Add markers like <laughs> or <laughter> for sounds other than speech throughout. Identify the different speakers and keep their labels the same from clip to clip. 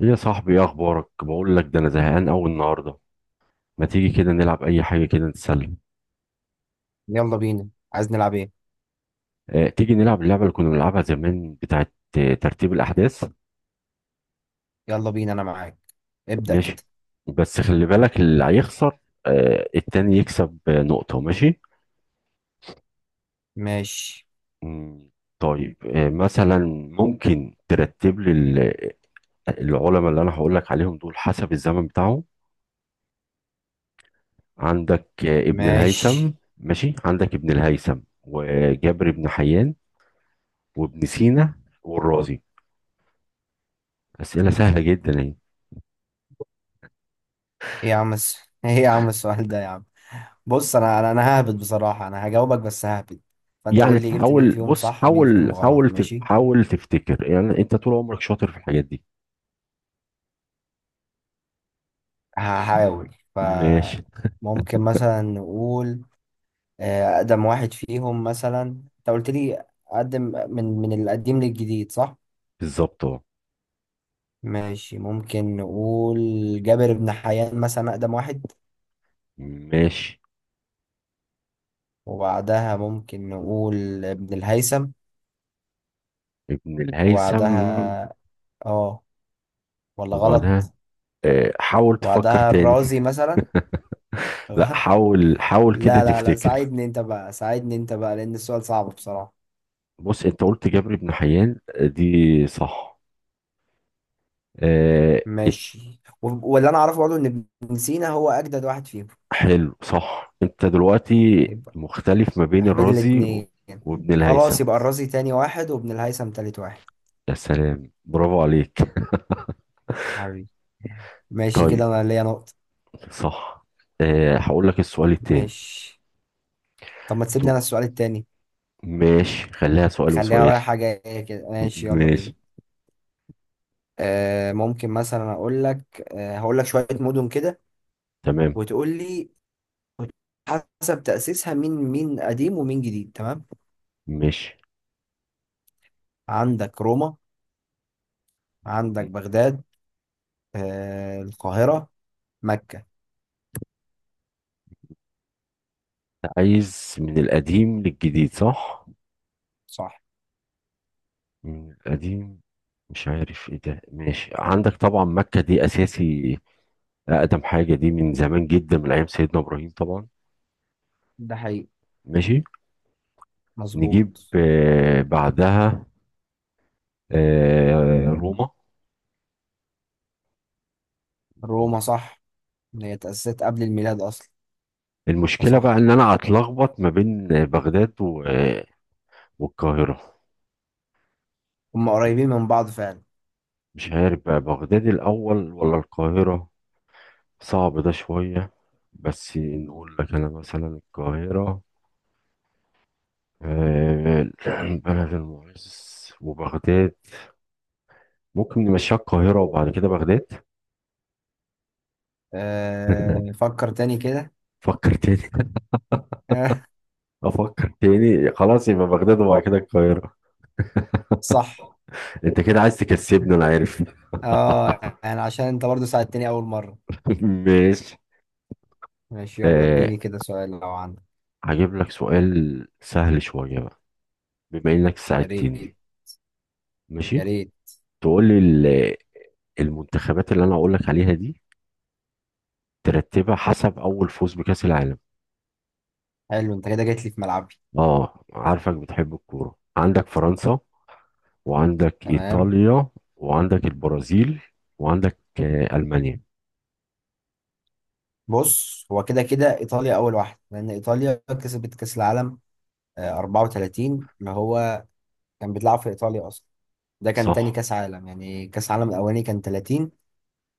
Speaker 1: ايه يا صاحبي، ايه اخبارك؟ بقول لك ده، انا زهقان قوي النهارده. ما تيجي كده نلعب اي حاجه كده نتسلى؟
Speaker 2: يلا بينا. عايز نلعب ايه؟
Speaker 1: اه، تيجي نلعب اللعبه اللي كنا بنلعبها زمان، بتاعه ترتيب الاحداث.
Speaker 2: يلا بينا، انا معاك. ابدأ
Speaker 1: ماشي،
Speaker 2: كده.
Speaker 1: بس خلي بالك اللي هيخسر، اه التاني يكسب نقطه. ماشي.
Speaker 2: ماشي.
Speaker 1: مم. طيب مثلا ممكن ترتب لي العلماء اللي انا هقول لك عليهم دول حسب الزمن بتاعهم. عندك ابن الهيثم.
Speaker 2: ماشي.
Speaker 1: ماشي، عندك ابن الهيثم وجابر بن حيان وابن سينا والرازي. اسئله سهله جدا يعني.
Speaker 2: ايه يا عم <laughs> ايه يا عم السؤال ده يا عم. بص، انا ههبد، بصراحة انا هجاوبك بس ههبد. فانت
Speaker 1: يعني
Speaker 2: قول لي جبت مين
Speaker 1: تحاول،
Speaker 2: فيهم
Speaker 1: بص
Speaker 2: صح ومين فيهم غلط. ماشي.
Speaker 1: حاول تفتكر، يعني انت طول عمرك شاطر في الحاجات دي.
Speaker 2: هحاول.
Speaker 1: ماشي.
Speaker 2: ممكن مثلا نقول اقدم واحد فيهم مثلا. انت قلت لي اقدم، من القديم للجديد، صح؟
Speaker 1: بالظبط اهو.
Speaker 2: ماشي. ممكن نقول جابر بن حيان مثلا، اقدم واحد.
Speaker 1: ماشي،
Speaker 2: وبعدها ممكن نقول ابن الهيثم.
Speaker 1: ابن الهيثم،
Speaker 2: وبعدها اه، ولا
Speaker 1: وبعدها
Speaker 2: غلط؟
Speaker 1: حاول تفكر
Speaker 2: وبعدها
Speaker 1: تاني.
Speaker 2: الرازي مثلا.
Speaker 1: <laughs> لا،
Speaker 2: غلط.
Speaker 1: حاول حاول كده
Speaker 2: لا لا لا،
Speaker 1: تفتكر.
Speaker 2: ساعدني انت بقى، ساعدني انت بقى، لان السؤال صعب بصراحة.
Speaker 1: بص، انت قلت جابر بن حيان دي صح. آه. ات-
Speaker 2: ماشي، واللي انا اعرفه برضه ان ابن سينا هو اجدد واحد فيهم.
Speaker 1: حلو، صح، انت دلوقتي
Speaker 2: يبقى
Speaker 1: مختلف ما بين
Speaker 2: احنا بين
Speaker 1: الرازي
Speaker 2: الاتنين.
Speaker 1: وابن الهيثم.
Speaker 2: خلاص، يبقى الرازي تاني واحد وابن الهيثم تالت واحد.
Speaker 1: يا سلام، برافو عليك.
Speaker 2: حبيبي. ماشي
Speaker 1: طيب،
Speaker 2: كده، انا ليا نقطة.
Speaker 1: صح، أه هقول لك السؤال التاني.
Speaker 2: ماشي. طب ما تسيب لي
Speaker 1: تو-
Speaker 2: انا السؤال التاني؟
Speaker 1: ماشي، خليها سؤال
Speaker 2: خليها
Speaker 1: وسؤال.
Speaker 2: رايحة جاية كده،
Speaker 1: م-
Speaker 2: ماشي، يلا بينا.
Speaker 1: ماشي.
Speaker 2: ممكن مثلا اقول لك، هقول لك شويه مدن كده،
Speaker 1: تمام.
Speaker 2: وتقول لي حسب تاسيسها، مين مين قديم ومين جديد. تمام.
Speaker 1: ماشي.
Speaker 2: عندك روما. عندك بغداد. القاهره. مكه.
Speaker 1: أنت عايز من القديم للجديد، صح؟
Speaker 2: صح.
Speaker 1: من القديم، مش عارف ايه ده. ماشي، عندك طبعا مكة دي اساسي، اقدم حاجة دي، من زمان جدا، من ايام سيدنا ابراهيم طبعا.
Speaker 2: ده حقيقي.
Speaker 1: ماشي، نجيب
Speaker 2: مظبوط.
Speaker 1: بعدها، روما.
Speaker 2: روما صح، إن هي تاسست قبل الميلاد اصلا،
Speaker 1: المشكلة بقى
Speaker 2: فصح.
Speaker 1: ان انا هتلخبط ما بين بغداد والقاهرة.
Speaker 2: هم قريبين من بعض فعلا.
Speaker 1: مش عارف بقى بغداد الأول ولا القاهرة. صعب ده شوية، بس نقول لك أنا مثلا القاهرة، آه، <clears throat> بلد المعز، وبغداد. ممكن نمشيها القاهرة وبعد كده بغداد. <laughs>
Speaker 2: فكر تاني كده.
Speaker 1: فكر تاني.
Speaker 2: <laughs>
Speaker 1: أفكر تاني. خلاص، يبقى بغداد وبعد كده القاهرة.
Speaker 2: صح.
Speaker 1: أنت كده عايز تكسبني، أنا عارف. <laughs>
Speaker 2: اه، يعني عشان انت برضو ساعدتني اول مره.
Speaker 1: ماشي.
Speaker 2: ماشي، يلا
Speaker 1: آه،
Speaker 2: اديني كده سؤال لو عندك.
Speaker 1: هجيب لك سؤال سهل شوية بقى، بما إنك
Speaker 2: يا ريت.
Speaker 1: ساعدتني.
Speaker 2: يا
Speaker 1: ماشي.
Speaker 2: ريت.
Speaker 1: تقول لي المنتخبات اللي انا اقول لك عليها دي، ترتبها حسب اول فوز بكأس العالم.
Speaker 2: حلو، انت كده جيت لي في ملعبي.
Speaker 1: اه، عارفك بتحب الكورة. عندك فرنسا، وعندك
Speaker 2: تمام.
Speaker 1: ايطاليا، وعندك البرازيل، وعندك المانيا.
Speaker 2: بص، هو كده كده ايطاليا اول واحده، لان ايطاليا كسبت كاس العالم 34، اللي هو كان بيتلعب في ايطاليا اصلا. ده كان تاني
Speaker 1: صح.
Speaker 2: كاس عالم، يعني كاس العالم الاولاني كان 30،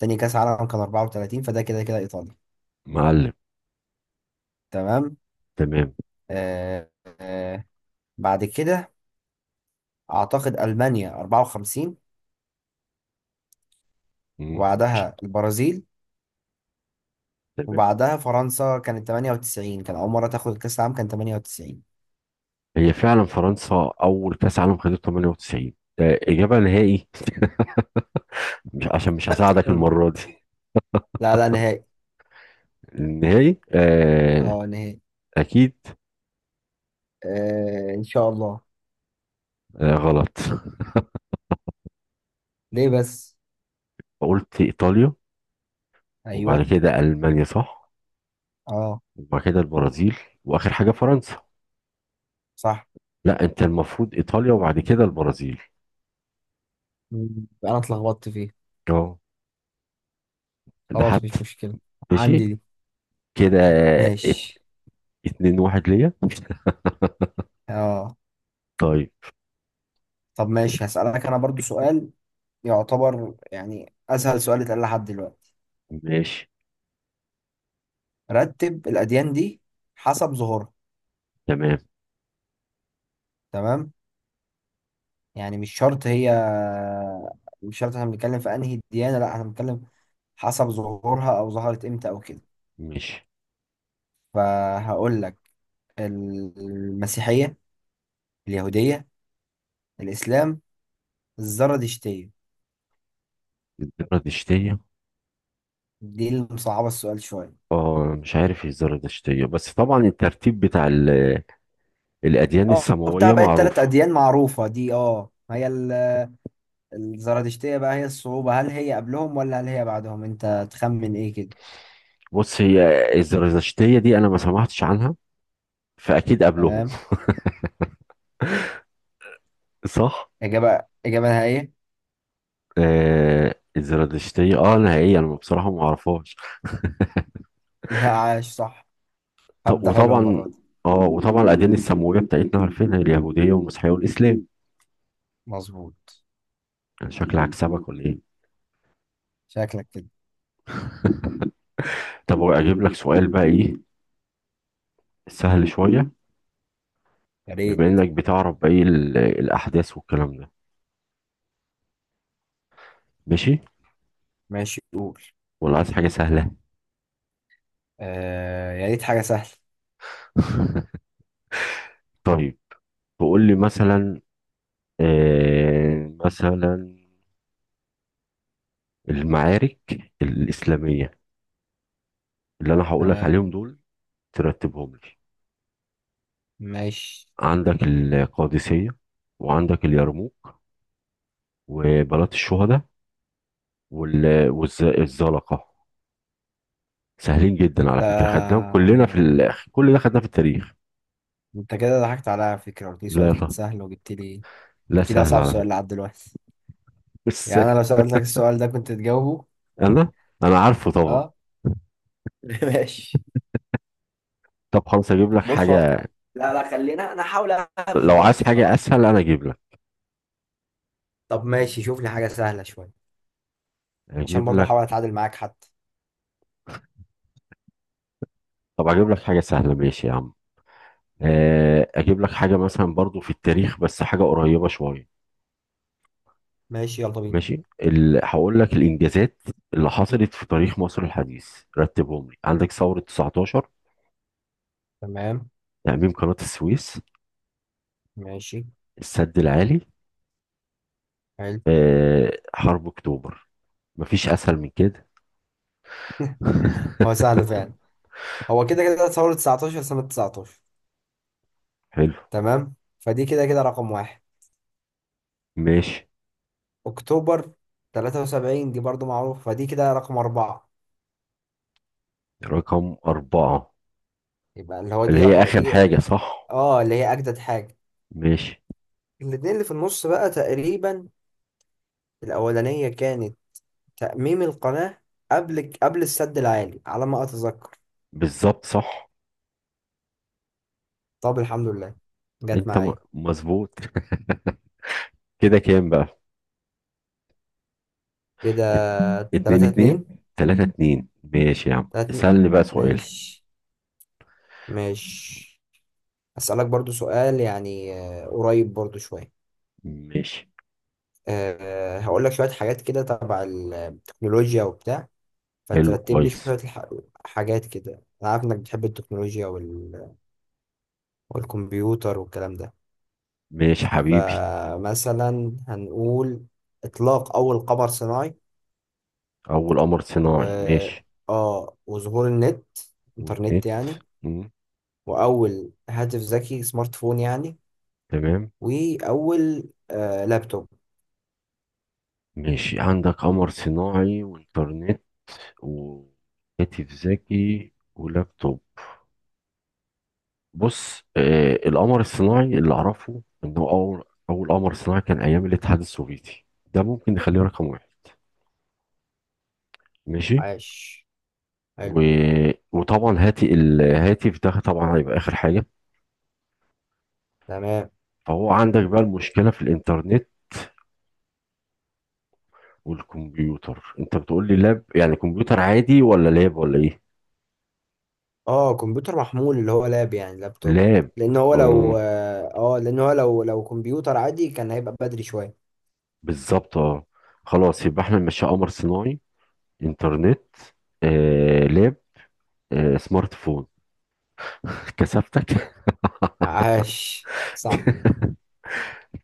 Speaker 2: تاني كاس عالم كان 34، فده كده كده ايطاليا.
Speaker 1: معلم.
Speaker 2: تمام.
Speaker 1: تمام.
Speaker 2: آه آه بعد كده اعتقد المانيا 54.
Speaker 1: مم. ماشي.
Speaker 2: وبعدها البرازيل.
Speaker 1: تمام.
Speaker 2: وبعدها فرنسا كانت 98، كان اول مره تاخد كاس العالم، كان 98.
Speaker 1: هي فعلا فرنسا اول كأس عالم خدته 98. إجابة نهائي. <laughs> مش عشان مش هساعدك
Speaker 2: <laughs>
Speaker 1: المرة دي.
Speaker 2: لا لا نهائي.
Speaker 1: النهائي، آه.
Speaker 2: اه نهائي.
Speaker 1: أكيد.
Speaker 2: آه ان شاء الله.
Speaker 1: آه، غلط. <laughs>
Speaker 2: ليه بس؟
Speaker 1: قلت إيطاليا، وبعد
Speaker 2: ايوه.
Speaker 1: كده ألمانيا، صح،
Speaker 2: اه.
Speaker 1: وبعد كده البرازيل، واخر حاجه فرنسا.
Speaker 2: صح.
Speaker 1: لا، انت المفروض ايطاليا وبعد كده البرازيل.
Speaker 2: انا اتلخبطت فيه.
Speaker 1: اه، ده
Speaker 2: خلاص، مش
Speaker 1: حتى.
Speaker 2: مشكله.
Speaker 1: ماشي
Speaker 2: عندي دي.
Speaker 1: كده. ات-
Speaker 2: ماشي.
Speaker 1: اتنين واحد ليا. <laughs>
Speaker 2: اه.
Speaker 1: طيب.
Speaker 2: طب ماشي، هسألك انا برضو سؤال، يعتبر يعني اسهل سؤال اتقال لحد دلوقتي.
Speaker 1: ماشي.
Speaker 2: رتب الاديان دي حسب ظهورها.
Speaker 1: تمام.
Speaker 2: تمام. يعني مش شرط هي، مش شرط احنا بنتكلم في انهي ديانه، لا، احنا بنتكلم حسب ظهورها، او ظهرت امتى او كده.
Speaker 1: ماشي.
Speaker 2: فهقول لك المسيحيه، اليهوديه، الاسلام، الزردشتية.
Speaker 1: الزرادشتية.
Speaker 2: دي اللي مصعبة السؤال شوية.
Speaker 1: اه، مش عارف ايه الزرادشتية، بس طبعا الترتيب بتاع الأديان
Speaker 2: اه، بتاع
Speaker 1: السماوية
Speaker 2: بقى التلات
Speaker 1: معروفة.
Speaker 2: أديان معروفة دي. اه، هي الزردشتية بقى هي الصعوبة. هل هي قبلهم ولا هل هي بعدهم؟ انت تخمن ايه كده؟
Speaker 1: بص، هي الزرادشتية دي أنا ما سمعتش عنها، فأكيد قبلهم.
Speaker 2: تمام.
Speaker 1: صح؟
Speaker 2: إجابة، إجابة نهائية. <laughs>
Speaker 1: آه الزرادشتية، نهائيا أنا بصراحة ما أعرفهاش.
Speaker 2: لا، عاش صح.
Speaker 1: ط-
Speaker 2: هبدأ حلوة
Speaker 1: وطبعا
Speaker 2: المرة دي.
Speaker 1: اه وطبعا الاديان السماويه بتاعتنا عارفينها، اليهوديه والمسيحيه والاسلام.
Speaker 2: مظبوط.
Speaker 1: يعني شكلي عكسبك ولا ايه؟
Speaker 2: شكلك كده.
Speaker 1: <laughs> طب اجيب لك سؤال بقى ايه، سهل شويه،
Speaker 2: يا
Speaker 1: بما
Speaker 2: ريت.
Speaker 1: انك بتعرف بقى ايه الاحداث والكلام ده. ماشي،
Speaker 2: ماشي قول.
Speaker 1: ولا عايز حاجه سهله؟
Speaker 2: آه، يا ريت حاجة سهلة.
Speaker 1: <laughs> طيب، تقول لي مثلا، آه مثلا المعارك الاسلاميه اللي انا هقول لك
Speaker 2: تمام.
Speaker 1: عليهم دول، ترتبهم لي.
Speaker 2: ماشي.
Speaker 1: عندك القادسيه، وعندك اليرموك، وبلاط الشهداء، والزلقة. سهلين جدا على فكرة، خدناهم
Speaker 2: انت
Speaker 1: كلنا في الآخر، كل ده خدناه في التاريخ.
Speaker 2: انت كده ضحكت عليا على فكرة، قلت لي سؤال
Speaker 1: لا طب،
Speaker 2: سهل وجبت لي،
Speaker 1: لا،
Speaker 2: جبت لي
Speaker 1: سهل
Speaker 2: أصعب
Speaker 1: على
Speaker 2: سؤال
Speaker 1: فكرة،
Speaker 2: لحد دلوقتي.
Speaker 1: بس
Speaker 2: يعني انا لو سألتك السؤال ده كنت تجاوبه؟
Speaker 1: أنا أنا عارفه طبعا.
Speaker 2: اه. <laughs> ماشي.
Speaker 1: طب خلاص أجيب لك
Speaker 2: بص،
Speaker 1: حاجة.
Speaker 2: لا لا، خلينا انا احاول اهبط
Speaker 1: لو
Speaker 2: برضه
Speaker 1: عايز حاجة
Speaker 2: بصراحه.
Speaker 1: أسهل أنا أجيب لك.
Speaker 2: طب ماشي، شوف لي حاجة سهلة شوية، عشان
Speaker 1: أجيب
Speaker 2: برضه احاول
Speaker 1: لك.
Speaker 2: اتعادل معاك حتى.
Speaker 1: طب أجيب لك حاجة سهلة، ماشي يا عم. أجيب لك حاجة مثلا برضو في التاريخ، بس حاجة قريبة شوية.
Speaker 2: ماشي، يلا بينا.
Speaker 1: ماشي. هقول لك الإنجازات اللي حصلت في تاريخ مصر الحديث، رتبهم لي. عندك ثورة 19،
Speaker 2: تمام.
Speaker 1: تأميم قناة السويس،
Speaker 2: ماشي.
Speaker 1: السد العالي،
Speaker 2: حلو.
Speaker 1: حرب اكتوبر. مفيش اسهل من كده.
Speaker 2: هو
Speaker 1: <laughs>
Speaker 2: سهل فعلا. هو كده كده ثورة 19 سنة 19.
Speaker 1: حلو.
Speaker 2: تمام، فدي كده كده رقم واحد.
Speaker 1: ماشي.
Speaker 2: اكتوبر 73 دي برضه معروفة، فدي كده رقم أربعة.
Speaker 1: رقم أربعة،
Speaker 2: يبقى اللي هو
Speaker 1: اللي
Speaker 2: دي،
Speaker 1: هي
Speaker 2: رقم
Speaker 1: آخر
Speaker 2: دي،
Speaker 1: حاجة، صح.
Speaker 2: اه، اللي هي أجدد حاجة.
Speaker 1: ماشي.
Speaker 2: الاتنين اللي في النص بقى تقريبا، الأولانية كانت تأميم القناة، قبل السد العالي على ما أتذكر.
Speaker 1: بالظبط، صح.
Speaker 2: طب الحمد لله جت
Speaker 1: أنت
Speaker 2: معايا.
Speaker 1: مظبوط. كده كام بقى؟
Speaker 2: كده.
Speaker 1: ات- اتنين
Speaker 2: تلاتة
Speaker 1: اتنين.
Speaker 2: اتنين.
Speaker 1: تلاتة اتنين، ماشي يا عم
Speaker 2: تلاتة اتنين.
Speaker 1: اسألني بقى سؤال.
Speaker 2: ماشي. ماشي. أسألك برضو سؤال، يعني قريب برضو شوية.
Speaker 1: ماشي.
Speaker 2: أه، هقول لك شوية حاجات كده تبع التكنولوجيا وبتاع،
Speaker 1: حلو،
Speaker 2: فترتب لي شوية
Speaker 1: كويس.
Speaker 2: حاجات كده. أنا عارف إنك بتحب التكنولوجيا والكمبيوتر والكلام ده.
Speaker 1: ماشي حبيبي.
Speaker 2: فمثلا هنقول إطلاق أول قمر صناعي،
Speaker 1: أول قمر
Speaker 2: و
Speaker 1: صناعي، ماشي.
Speaker 2: اه وظهور النت، انترنت
Speaker 1: والنت.
Speaker 2: يعني،
Speaker 1: مم.
Speaker 2: واول هاتف ذكي، سمارت فون يعني،
Speaker 1: تمام.
Speaker 2: واول لابتوب.
Speaker 1: ماشي، عندك قمر صناعي وإنترنت وهاتف ذكي ولابتوب. بص، آه القمر الصناعي اللي اعرفه ان هو اول قمر صناعي كان ايام الاتحاد السوفيتي. ده ممكن نخليه رقم واحد. ماشي.
Speaker 2: عاش.
Speaker 1: و...
Speaker 2: حلو.
Speaker 1: وطبعا هاتي الهاتف، ده طبعا هيبقى اخر حاجه.
Speaker 2: تمام.
Speaker 1: فهو عندك بقى المشكله في الانترنت والكمبيوتر، انت بتقول لي لاب يعني كمبيوتر عادي، ولا لاب ولا ايه؟
Speaker 2: اه، كمبيوتر محمول اللي هو لاب، يعني لابتوب.
Speaker 1: لاب.
Speaker 2: لان هو لو
Speaker 1: آه،
Speaker 2: اه آه، لان هو لو لو كمبيوتر عادي كان هيبقى بدري شويه.
Speaker 1: بالظبط. اه، خلاص، يبقى احنا ماشي قمر صناعي، انترنت، آه لاب، سمارت فون. <laughs> كسفتك.
Speaker 2: عاش صح.
Speaker 1: <laughs>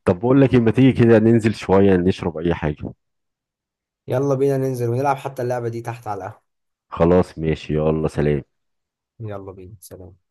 Speaker 1: طب بقول لك إيه، ما تيجي كده ننزل شوية نشرب أي حاجة؟
Speaker 2: يلا بينا ننزل ونلعب حتى اللعبة دي تحت على القهوة.
Speaker 1: خلاص، ماشي، يلا سلام.
Speaker 2: يلا بينا، سلام.